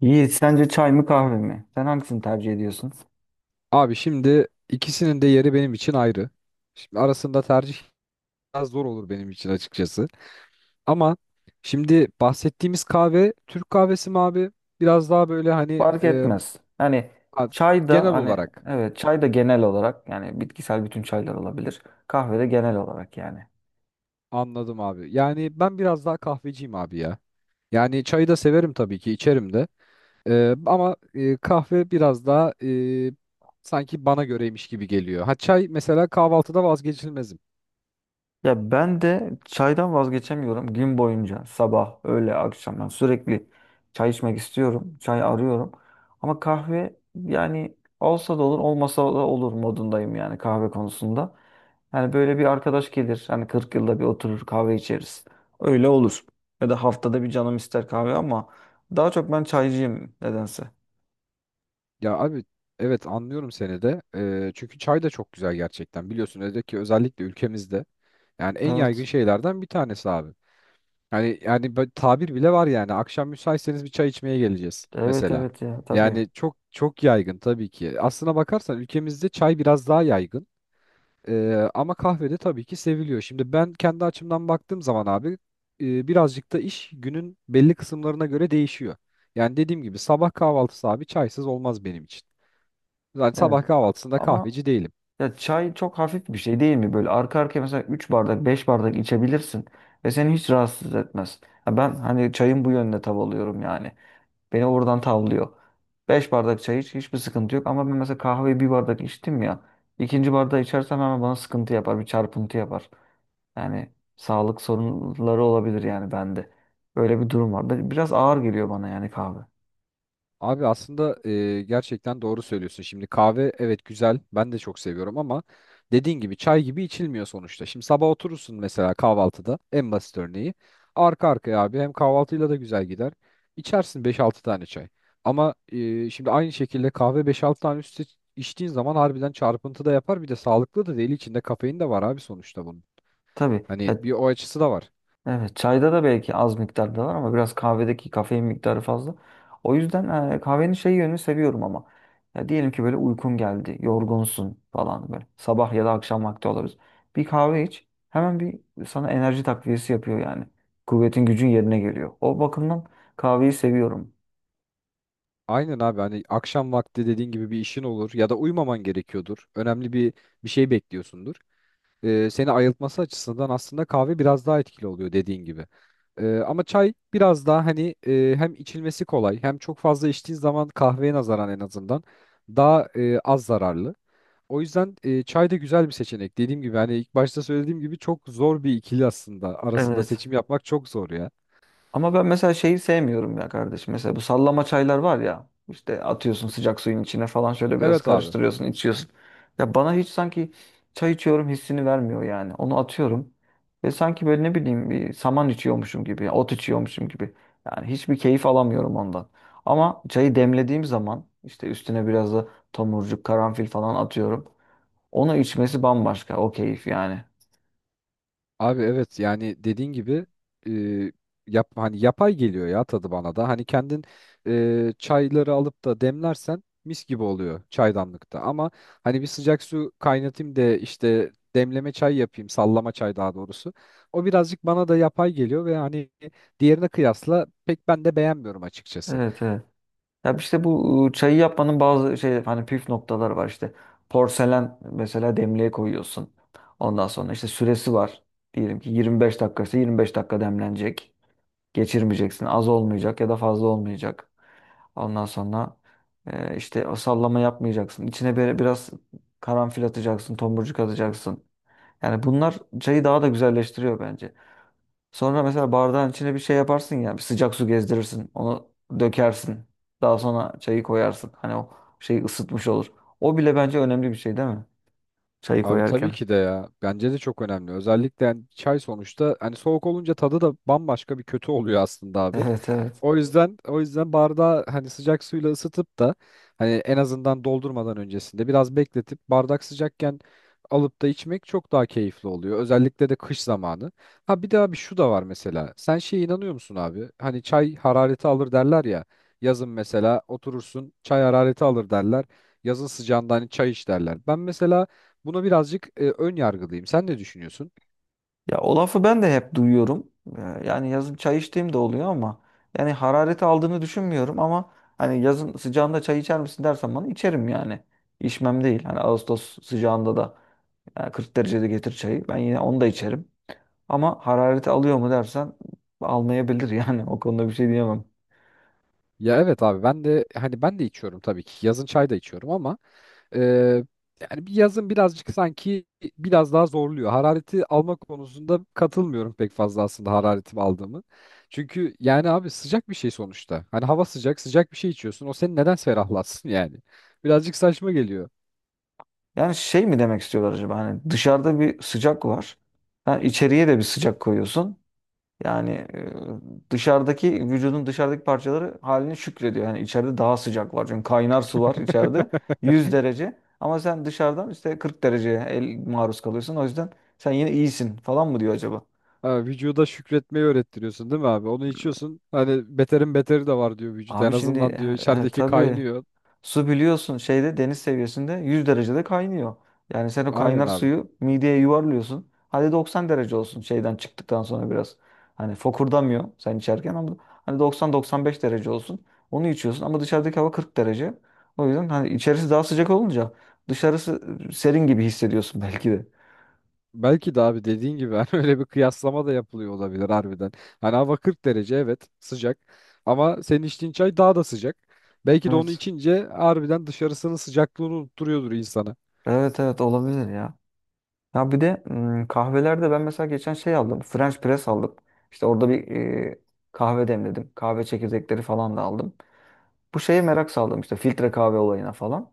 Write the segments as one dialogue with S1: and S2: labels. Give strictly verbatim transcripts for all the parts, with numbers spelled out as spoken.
S1: Yiğit sence çay mı kahve mi? Sen hangisini tercih ediyorsun?
S2: Abi şimdi ikisinin de yeri benim için ayrı. Şimdi arasında tercih biraz zor olur benim için açıkçası. Ama şimdi bahsettiğimiz kahve Türk kahvesi mi abi? Biraz daha böyle hani
S1: Fark
S2: e,
S1: etmez. Hani
S2: a-
S1: çay da
S2: genel
S1: hani
S2: olarak
S1: evet çay da genel olarak yani bitkisel bütün çaylar olabilir. Kahve de genel olarak yani.
S2: anladım abi. Yani ben biraz daha kahveciyim abi ya. Yani çayı da severim tabii ki içerim de. E, ama e, kahve biraz daha e, sanki bana göreymiş gibi geliyor. Ha çay mesela kahvaltıda vazgeçilmezim.
S1: Ya ben de çaydan vazgeçemiyorum gün boyunca sabah, öğle, akşam yani sürekli çay içmek istiyorum. Çay arıyorum. Ama kahve yani olsa da olur, olmasa da olur modundayım yani kahve konusunda. Yani böyle bir arkadaş gelir hani kırk yılda bir oturur kahve içeriz. Öyle olur. Ya da haftada bir canım ister kahve ama daha çok ben çaycıyım nedense.
S2: Ya abi evet anlıyorum seni de. Ee, çünkü çay da çok güzel gerçekten. Biliyorsun özellikle ki özellikle ülkemizde yani en yaygın
S1: Evet.
S2: şeylerden bir tanesi abi. Hani yani böyle tabir bile var yani akşam müsaitseniz bir çay içmeye geleceğiz
S1: Evet
S2: mesela.
S1: evet ya tabii.
S2: Yani çok çok yaygın tabii ki. Aslına bakarsan ülkemizde çay biraz daha yaygın. Ee, ama kahvede tabii ki seviliyor. Şimdi ben kendi açımdan baktığım zaman abi e, birazcık da iş günün belli kısımlarına göre değişiyor. Yani dediğim gibi sabah kahvaltısı abi çaysız olmaz benim için. Yani
S1: Evet.
S2: sabah kahvaltısında
S1: Ama
S2: kahveci değilim.
S1: ya çay çok hafif bir şey değil mi? Böyle arka arkaya mesela üç bardak beş bardak içebilirsin ve seni hiç rahatsız etmez. Ya ben hani çayın bu yönüne tav alıyorum yani. Beni oradan tavlıyor. Beş bardak çay iç hiçbir sıkıntı yok ama ben mesela kahveyi bir bardak içtim ya. İkinci bardağı içersem hemen bana sıkıntı yapar bir çarpıntı yapar. Yani sağlık sorunları olabilir yani bende. Böyle bir durum var. Biraz ağır geliyor bana yani kahve.
S2: Abi aslında e, gerçekten doğru söylüyorsun. Şimdi kahve evet güzel. Ben de çok seviyorum ama dediğin gibi çay gibi içilmiyor sonuçta. Şimdi sabah oturursun mesela kahvaltıda en basit örneği. Arka arkaya abi hem kahvaltıyla da güzel gider. İçersin beş altı tane çay. Ama e, şimdi aynı şekilde kahve beş altı tane üstü içtiğin zaman harbiden çarpıntı da yapar. Bir de sağlıklı da değil. İçinde kafein de var abi sonuçta bunun.
S1: Tabii.
S2: Hani
S1: Ya
S2: bir o açısı da var.
S1: evet, çayda da belki az miktarda var ama biraz kahvedeki kafein miktarı fazla. O yüzden e, kahvenin şey yönünü seviyorum ama. Ya diyelim ki böyle uykun geldi, yorgunsun falan böyle. Sabah ya da akşam vakti olabilir. Bir kahve iç, hemen bir sana enerji takviyesi yapıyor yani. Kuvvetin gücün yerine geliyor. O bakımdan kahveyi seviyorum.
S2: Aynen abi hani akşam vakti dediğin gibi bir işin olur ya da uyumaman gerekiyordur. Önemli bir bir şey bekliyorsundur. Ee, seni ayıltması açısından aslında kahve biraz daha etkili oluyor dediğin gibi. Ee, ama çay biraz daha hani e, hem içilmesi kolay hem çok fazla içtiğin zaman kahveye nazaran en azından daha e, az zararlı. O yüzden e, çay da güzel bir seçenek. Dediğim gibi hani ilk başta söylediğim gibi çok zor bir ikili aslında. Arasında
S1: Evet.
S2: seçim yapmak çok zor ya.
S1: Ama ben mesela şeyi sevmiyorum ya kardeşim. Mesela bu sallama çaylar var ya. İşte atıyorsun sıcak suyun içine falan şöyle biraz
S2: Evet abi.
S1: karıştırıyorsun, içiyorsun. Ya bana hiç sanki çay içiyorum hissini vermiyor yani. Onu atıyorum ve sanki böyle ne bileyim bir saman içiyormuşum gibi, ot içiyormuşum gibi. Yani hiçbir keyif alamıyorum ondan. Ama çayı demlediğim zaman işte üstüne biraz da tomurcuk, karanfil falan atıyorum. Onu içmesi bambaşka. O keyif yani.
S2: Abi evet yani dediğin gibi e, yap hani yapay geliyor ya tadı bana da. Hani kendin e, çayları alıp da demlersen mis gibi oluyor çaydanlıkta. Ama hani bir sıcak su kaynatayım da işte demleme çay yapayım, sallama çay daha doğrusu. O birazcık bana da yapay geliyor ve hani diğerine kıyasla pek ben de beğenmiyorum açıkçası.
S1: Evet evet. Ya işte bu ıı, çayı yapmanın bazı şey hani püf noktaları var işte. Porselen mesela demliğe koyuyorsun. Ondan sonra işte süresi var. Diyelim ki yirmi beş dakikası yirmi beş dakika demlenecek. Geçirmeyeceksin. Az olmayacak ya da fazla olmayacak. Ondan sonra e, işte o sallama yapmayacaksın. İçine böyle biraz karanfil atacaksın, tomurcuk atacaksın. Yani bunlar çayı daha da güzelleştiriyor bence. Sonra mesela bardağın içine bir şey yaparsın ya, bir sıcak su gezdirirsin, onu dökersin. Daha sonra çayı koyarsın. Hani o şeyi ısıtmış olur. O bile bence önemli bir şey değil mi? Çayı
S2: Abi tabii
S1: koyarken.
S2: ki de ya. Bence de çok önemli. Özellikle yani çay sonuçta hani soğuk olunca tadı da bambaşka bir kötü oluyor aslında abi.
S1: Evet evet.
S2: O yüzden o yüzden bardağı hani sıcak suyla ısıtıp da hani en azından doldurmadan öncesinde biraz bekletip bardak sıcakken alıp da içmek çok daha keyifli oluyor. Özellikle de kış zamanı. Ha bir de abi şu da var mesela. Sen şeye inanıyor musun abi? Hani çay harareti alır derler ya. Yazın mesela oturursun çay harareti alır derler. Yazın sıcağında hani çay iç derler. Ben mesela buna birazcık e, ön yargılıyım. Sen ne düşünüyorsun?
S1: Ya o lafı ben de hep duyuyorum. Ee, Yani yazın çay içtiğim de oluyor ama yani harareti aldığını düşünmüyorum ama hani yazın sıcağında çay içer misin dersen bana içerim yani. İçmem değil. Hani Ağustos sıcağında da yani kırk derecede getir çayı. Ben yine onu da içerim. Ama harareti alıyor mu dersen almayabilir yani o konuda bir şey diyemem.
S2: Ya evet abi ben de hani ben de içiyorum tabii ki. Yazın çay da içiyorum ama e, yani bir yazın birazcık sanki biraz daha zorluyor. Harareti alma konusunda katılmıyorum pek fazla aslında hararetimi aldığımı. Çünkü yani abi sıcak bir şey sonuçta. Hani hava sıcak, sıcak bir şey içiyorsun. O seni neden ferahlatsın yani? Birazcık saçma geliyor.
S1: Yani şey mi demek istiyorlar acaba hani dışarıda bir sıcak var. Yani içeriye de bir sıcak koyuyorsun. Yani e, dışarıdaki vücudun dışarıdaki parçaları haline şükrediyor. Yani içeride daha sıcak var. Çünkü kaynar su var içeride. Yüz derece. Ama sen dışarıdan işte kırk dereceye el maruz kalıyorsun. O yüzden sen yine iyisin falan mı diyor acaba?
S2: Ha, vücuda şükretmeyi öğrettiriyorsun değil mi abi? Onu içiyorsun. Hani beterin beteri de var diyor vücut. En
S1: Abi şimdi
S2: azından diyor
S1: e, e,
S2: içerideki
S1: tabii
S2: kaynıyor.
S1: su biliyorsun şeyde deniz seviyesinde yüz derecede kaynıyor. Yani sen o
S2: Aynen
S1: kaynar
S2: abi.
S1: suyu mideye yuvarlıyorsun. Hadi doksan derece olsun şeyden çıktıktan sonra biraz. Hani fokurdamıyor sen içerken ama hani doksan doksan beş derece olsun. Onu içiyorsun ama dışarıdaki hava kırk derece. O yüzden hani içerisi daha sıcak olunca dışarısı e, serin gibi hissediyorsun belki de.
S2: Belki de abi dediğin gibi hani öyle bir kıyaslama da yapılıyor olabilir harbiden. Hani hava kırk derece evet sıcak ama senin içtiğin çay daha da sıcak. Belki de onu
S1: Evet.
S2: içince harbiden dışarısının sıcaklığını unutturuyordur insana.
S1: Evet evet olabilir ya. Ya bir de mm, kahvelerde ben mesela geçen şey aldım. French press aldım. İşte orada bir e, kahve demledim. Kahve çekirdekleri falan da aldım. Bu şeye merak saldım işte filtre kahve olayına falan.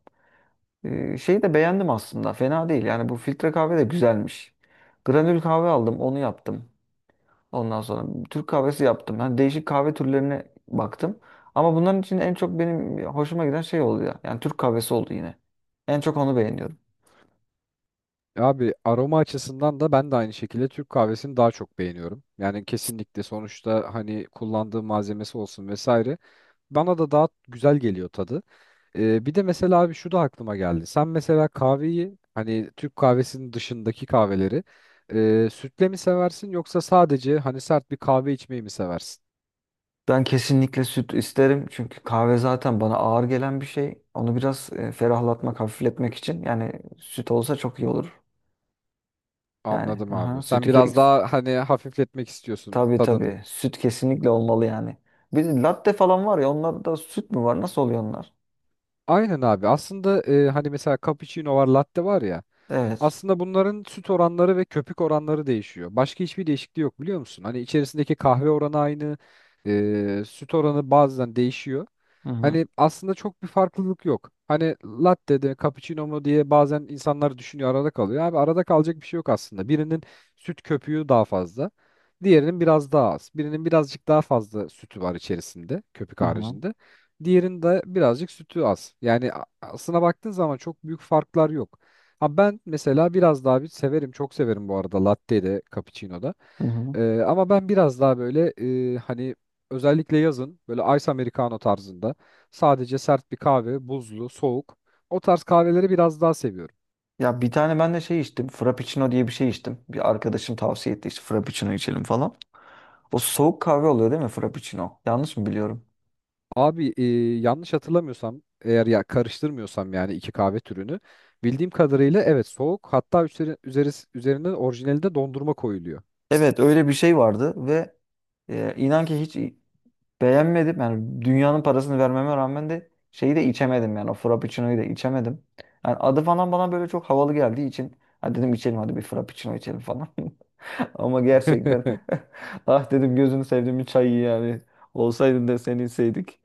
S1: E, şeyi de beğendim aslında. Fena değil. Yani bu filtre kahve de güzelmiş. Granül kahve aldım. Onu yaptım. Ondan sonra Türk kahvesi yaptım. Yani değişik kahve türlerine baktım. Ama bunların için en çok benim hoşuma giden şey oldu ya. Yani Türk kahvesi oldu yine. En çok onu beğeniyorum.
S2: Abi aroma açısından da ben de aynı şekilde Türk kahvesini daha çok beğeniyorum. Yani kesinlikle sonuçta hani kullandığı malzemesi olsun vesaire. Bana da daha güzel geliyor tadı. Ee, bir de mesela abi şu da aklıma geldi. Sen mesela kahveyi hani Türk kahvesinin dışındaki kahveleri e, sütle mi seversin yoksa sadece hani sert bir kahve içmeyi mi seversin?
S1: Ben kesinlikle süt isterim çünkü kahve zaten bana ağır gelen bir şey. Onu biraz e, ferahlatmak, hafifletmek için yani süt olsa çok iyi olur. Yani
S2: Anladım
S1: aha,
S2: abi. Sen
S1: sütü ke
S2: biraz daha hani hafifletmek istiyorsun
S1: tabii
S2: tadını.
S1: tabii süt kesinlikle olmalı yani. Bir de latte falan var ya onlarda süt mü var? Nasıl oluyor onlar?
S2: Aynen abi. Aslında e, hani mesela cappuccino var, latte var ya.
S1: Evet.
S2: Aslında bunların süt oranları ve köpük oranları değişiyor. Başka hiçbir değişikliği yok biliyor musun? Hani içerisindeki kahve oranı aynı, e, süt oranı bazen değişiyor.
S1: Hı hı.
S2: Hani aslında çok bir farklılık yok. Hani latte de cappuccino mu diye bazen insanlar düşünüyor arada kalıyor. Abi arada kalacak bir şey yok aslında. Birinin süt köpüğü daha fazla, diğerinin biraz daha az. Birinin birazcık daha fazla sütü var içerisinde, köpük
S1: Hı hı.
S2: haricinde. Diğerinde birazcık sütü az. Yani a- aslına baktığın zaman çok büyük farklar yok. Abi ben mesela biraz daha bir severim, çok severim bu arada latte de, cappuccino da.
S1: Hı hı.
S2: Ee, ama ben biraz daha böyle e, hani özellikle yazın böyle ice americano tarzında sadece sert bir kahve, buzlu, soğuk o tarz kahveleri biraz daha seviyorum.
S1: Ya bir tane ben de şey içtim. Frappuccino diye bir şey içtim. Bir arkadaşım tavsiye etti işte Frappuccino içelim falan. O soğuk kahve oluyor değil mi Frappuccino? Yanlış mı biliyorum?
S2: Abi e, yanlış hatırlamıyorsam eğer ya karıştırmıyorsam yani iki kahve türünü bildiğim kadarıyla evet soğuk hatta üzeri, üzeri, üzerine orijinalinde dondurma koyuluyor.
S1: Evet öyle bir şey vardı ve Ee, inan ki hiç beğenmedim. Yani dünyanın parasını vermeme rağmen de şeyi de içemedim yani o frappuccino'yu da içemedim. Yani adı falan bana böyle çok havalı geldiği için ha dedim içelim hadi bir frappuccino içelim falan. Ama gerçekten ah dedim gözünü sevdiğim bir çayı yani olsaydın da seni içseydik.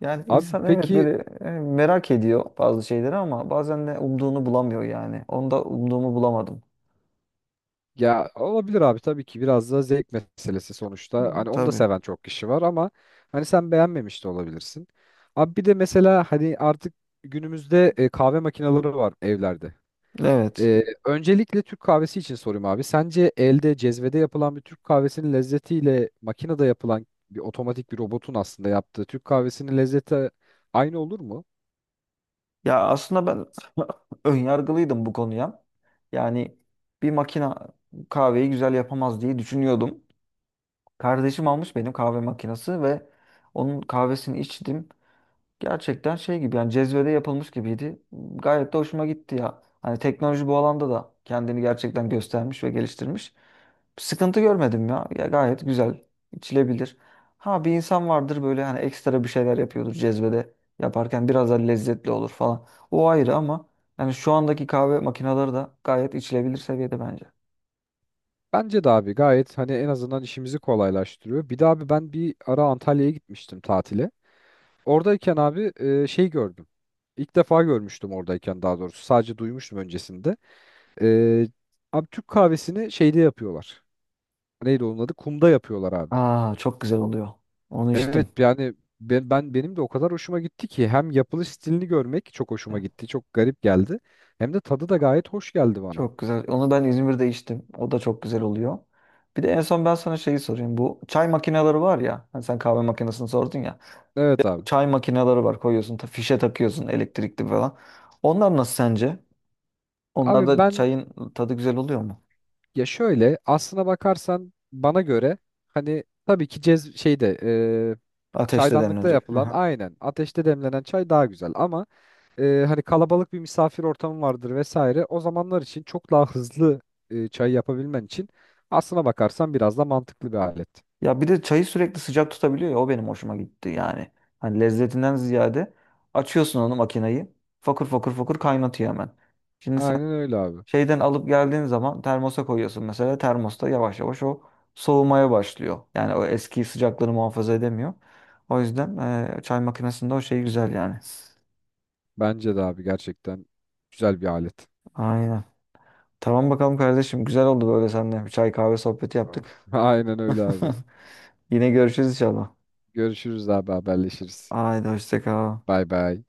S1: Yani
S2: Abi
S1: insan evet
S2: peki.
S1: böyle e, merak ediyor bazı şeyleri ama bazen de umduğunu bulamıyor yani. Onda umduğumu bulamadım.
S2: Ya olabilir abi tabii ki biraz da zevk meselesi sonuçta.
S1: Hı,
S2: Hani onu da
S1: tabii.
S2: seven çok kişi var ama hani sen beğenmemiş de olabilirsin. Abi bir de mesela hani artık günümüzde e, kahve makineleri var evlerde.
S1: Evet.
S2: E, öncelikle Türk kahvesi için sorayım abi. Sence elde cezvede yapılan bir Türk kahvesinin lezzetiyle makinede yapılan bir otomatik bir robotun aslında yaptığı Türk kahvesinin lezzeti aynı olur mu?
S1: Ya aslında ben önyargılıydım bu konuya. Yani bir makina kahveyi güzel yapamaz diye düşünüyordum. Kardeşim almış benim kahve makinesi ve onun kahvesini içtim. Gerçekten şey gibi yani cezvede yapılmış gibiydi. Gayet de hoşuma gitti ya. Hani teknoloji bu alanda da kendini gerçekten göstermiş ve geliştirmiş. Sıkıntı görmedim ya. Ya gayet güzel, içilebilir. Ha bir insan vardır böyle hani ekstra bir şeyler yapıyordur cezvede yaparken biraz daha lezzetli olur falan. O ayrı ama yani şu andaki kahve makineleri de gayet içilebilir seviyede bence.
S2: Bence de abi gayet hani en azından işimizi kolaylaştırıyor. Bir de abi ben bir ara Antalya'ya gitmiştim tatile. Oradayken abi e, şey gördüm. İlk defa görmüştüm oradayken daha doğrusu. Sadece duymuştum öncesinde. E, Abi Türk kahvesini şeyde yapıyorlar. Neydi onun adı? Kumda yapıyorlar abi.
S1: Aa çok güzel oluyor. Onu
S2: Evet
S1: içtim.
S2: yani ben, ben benim de o kadar hoşuma gitti ki hem yapılış stilini görmek çok
S1: Ee,
S2: hoşuma gitti. Çok garip geldi. Hem de tadı da gayet hoş geldi bana.
S1: Çok güzel. Onu ben İzmir'de içtim. O da çok güzel oluyor. Bir de en son ben sana şeyi sorayım. Bu çay makineleri var ya. Hani sen kahve makinesini sordun ya.
S2: Evet
S1: Bu
S2: abi.
S1: çay makineleri var. Koyuyorsun, ta- fişe takıyorsun elektrikli falan. Onlar nasıl sence? Onlar
S2: Abi
S1: da
S2: ben
S1: çayın tadı güzel oluyor mu?
S2: ya şöyle aslına bakarsan bana göre hani tabii ki cez şeyde e,
S1: Ateşle
S2: çaydanlıkta
S1: demlenecek.
S2: yapılan
S1: Aha.
S2: aynen ateşte demlenen çay daha güzel ama e, hani kalabalık bir misafir ortamı vardır vesaire. O zamanlar için çok daha hızlı e, çay yapabilmen için aslına bakarsan biraz da mantıklı bir alet.
S1: Ya bir de çayı sürekli sıcak tutabiliyor ya. O benim hoşuma gitti yani. Hani lezzetinden ziyade açıyorsun onu makineyi. Fokur fokur fokur kaynatıyor hemen. Şimdi
S2: Aynen öyle abi.
S1: şeyden alıp geldiğin zaman termosa koyuyorsun mesela. Termosta yavaş yavaş o soğumaya başlıyor. Yani o eski sıcaklığını muhafaza edemiyor. O yüzden e, çay makinesinde o şey güzel yani.
S2: Bence de abi gerçekten güzel bir alet.
S1: Aynen. Tamam bakalım kardeşim. Güzel oldu böyle seninle. Bir çay kahve sohbeti yaptık.
S2: Aynen öyle abi.
S1: Yine görüşürüz inşallah.
S2: Görüşürüz abi haberleşiriz.
S1: Haydi hoşça kal.
S2: Bay bay.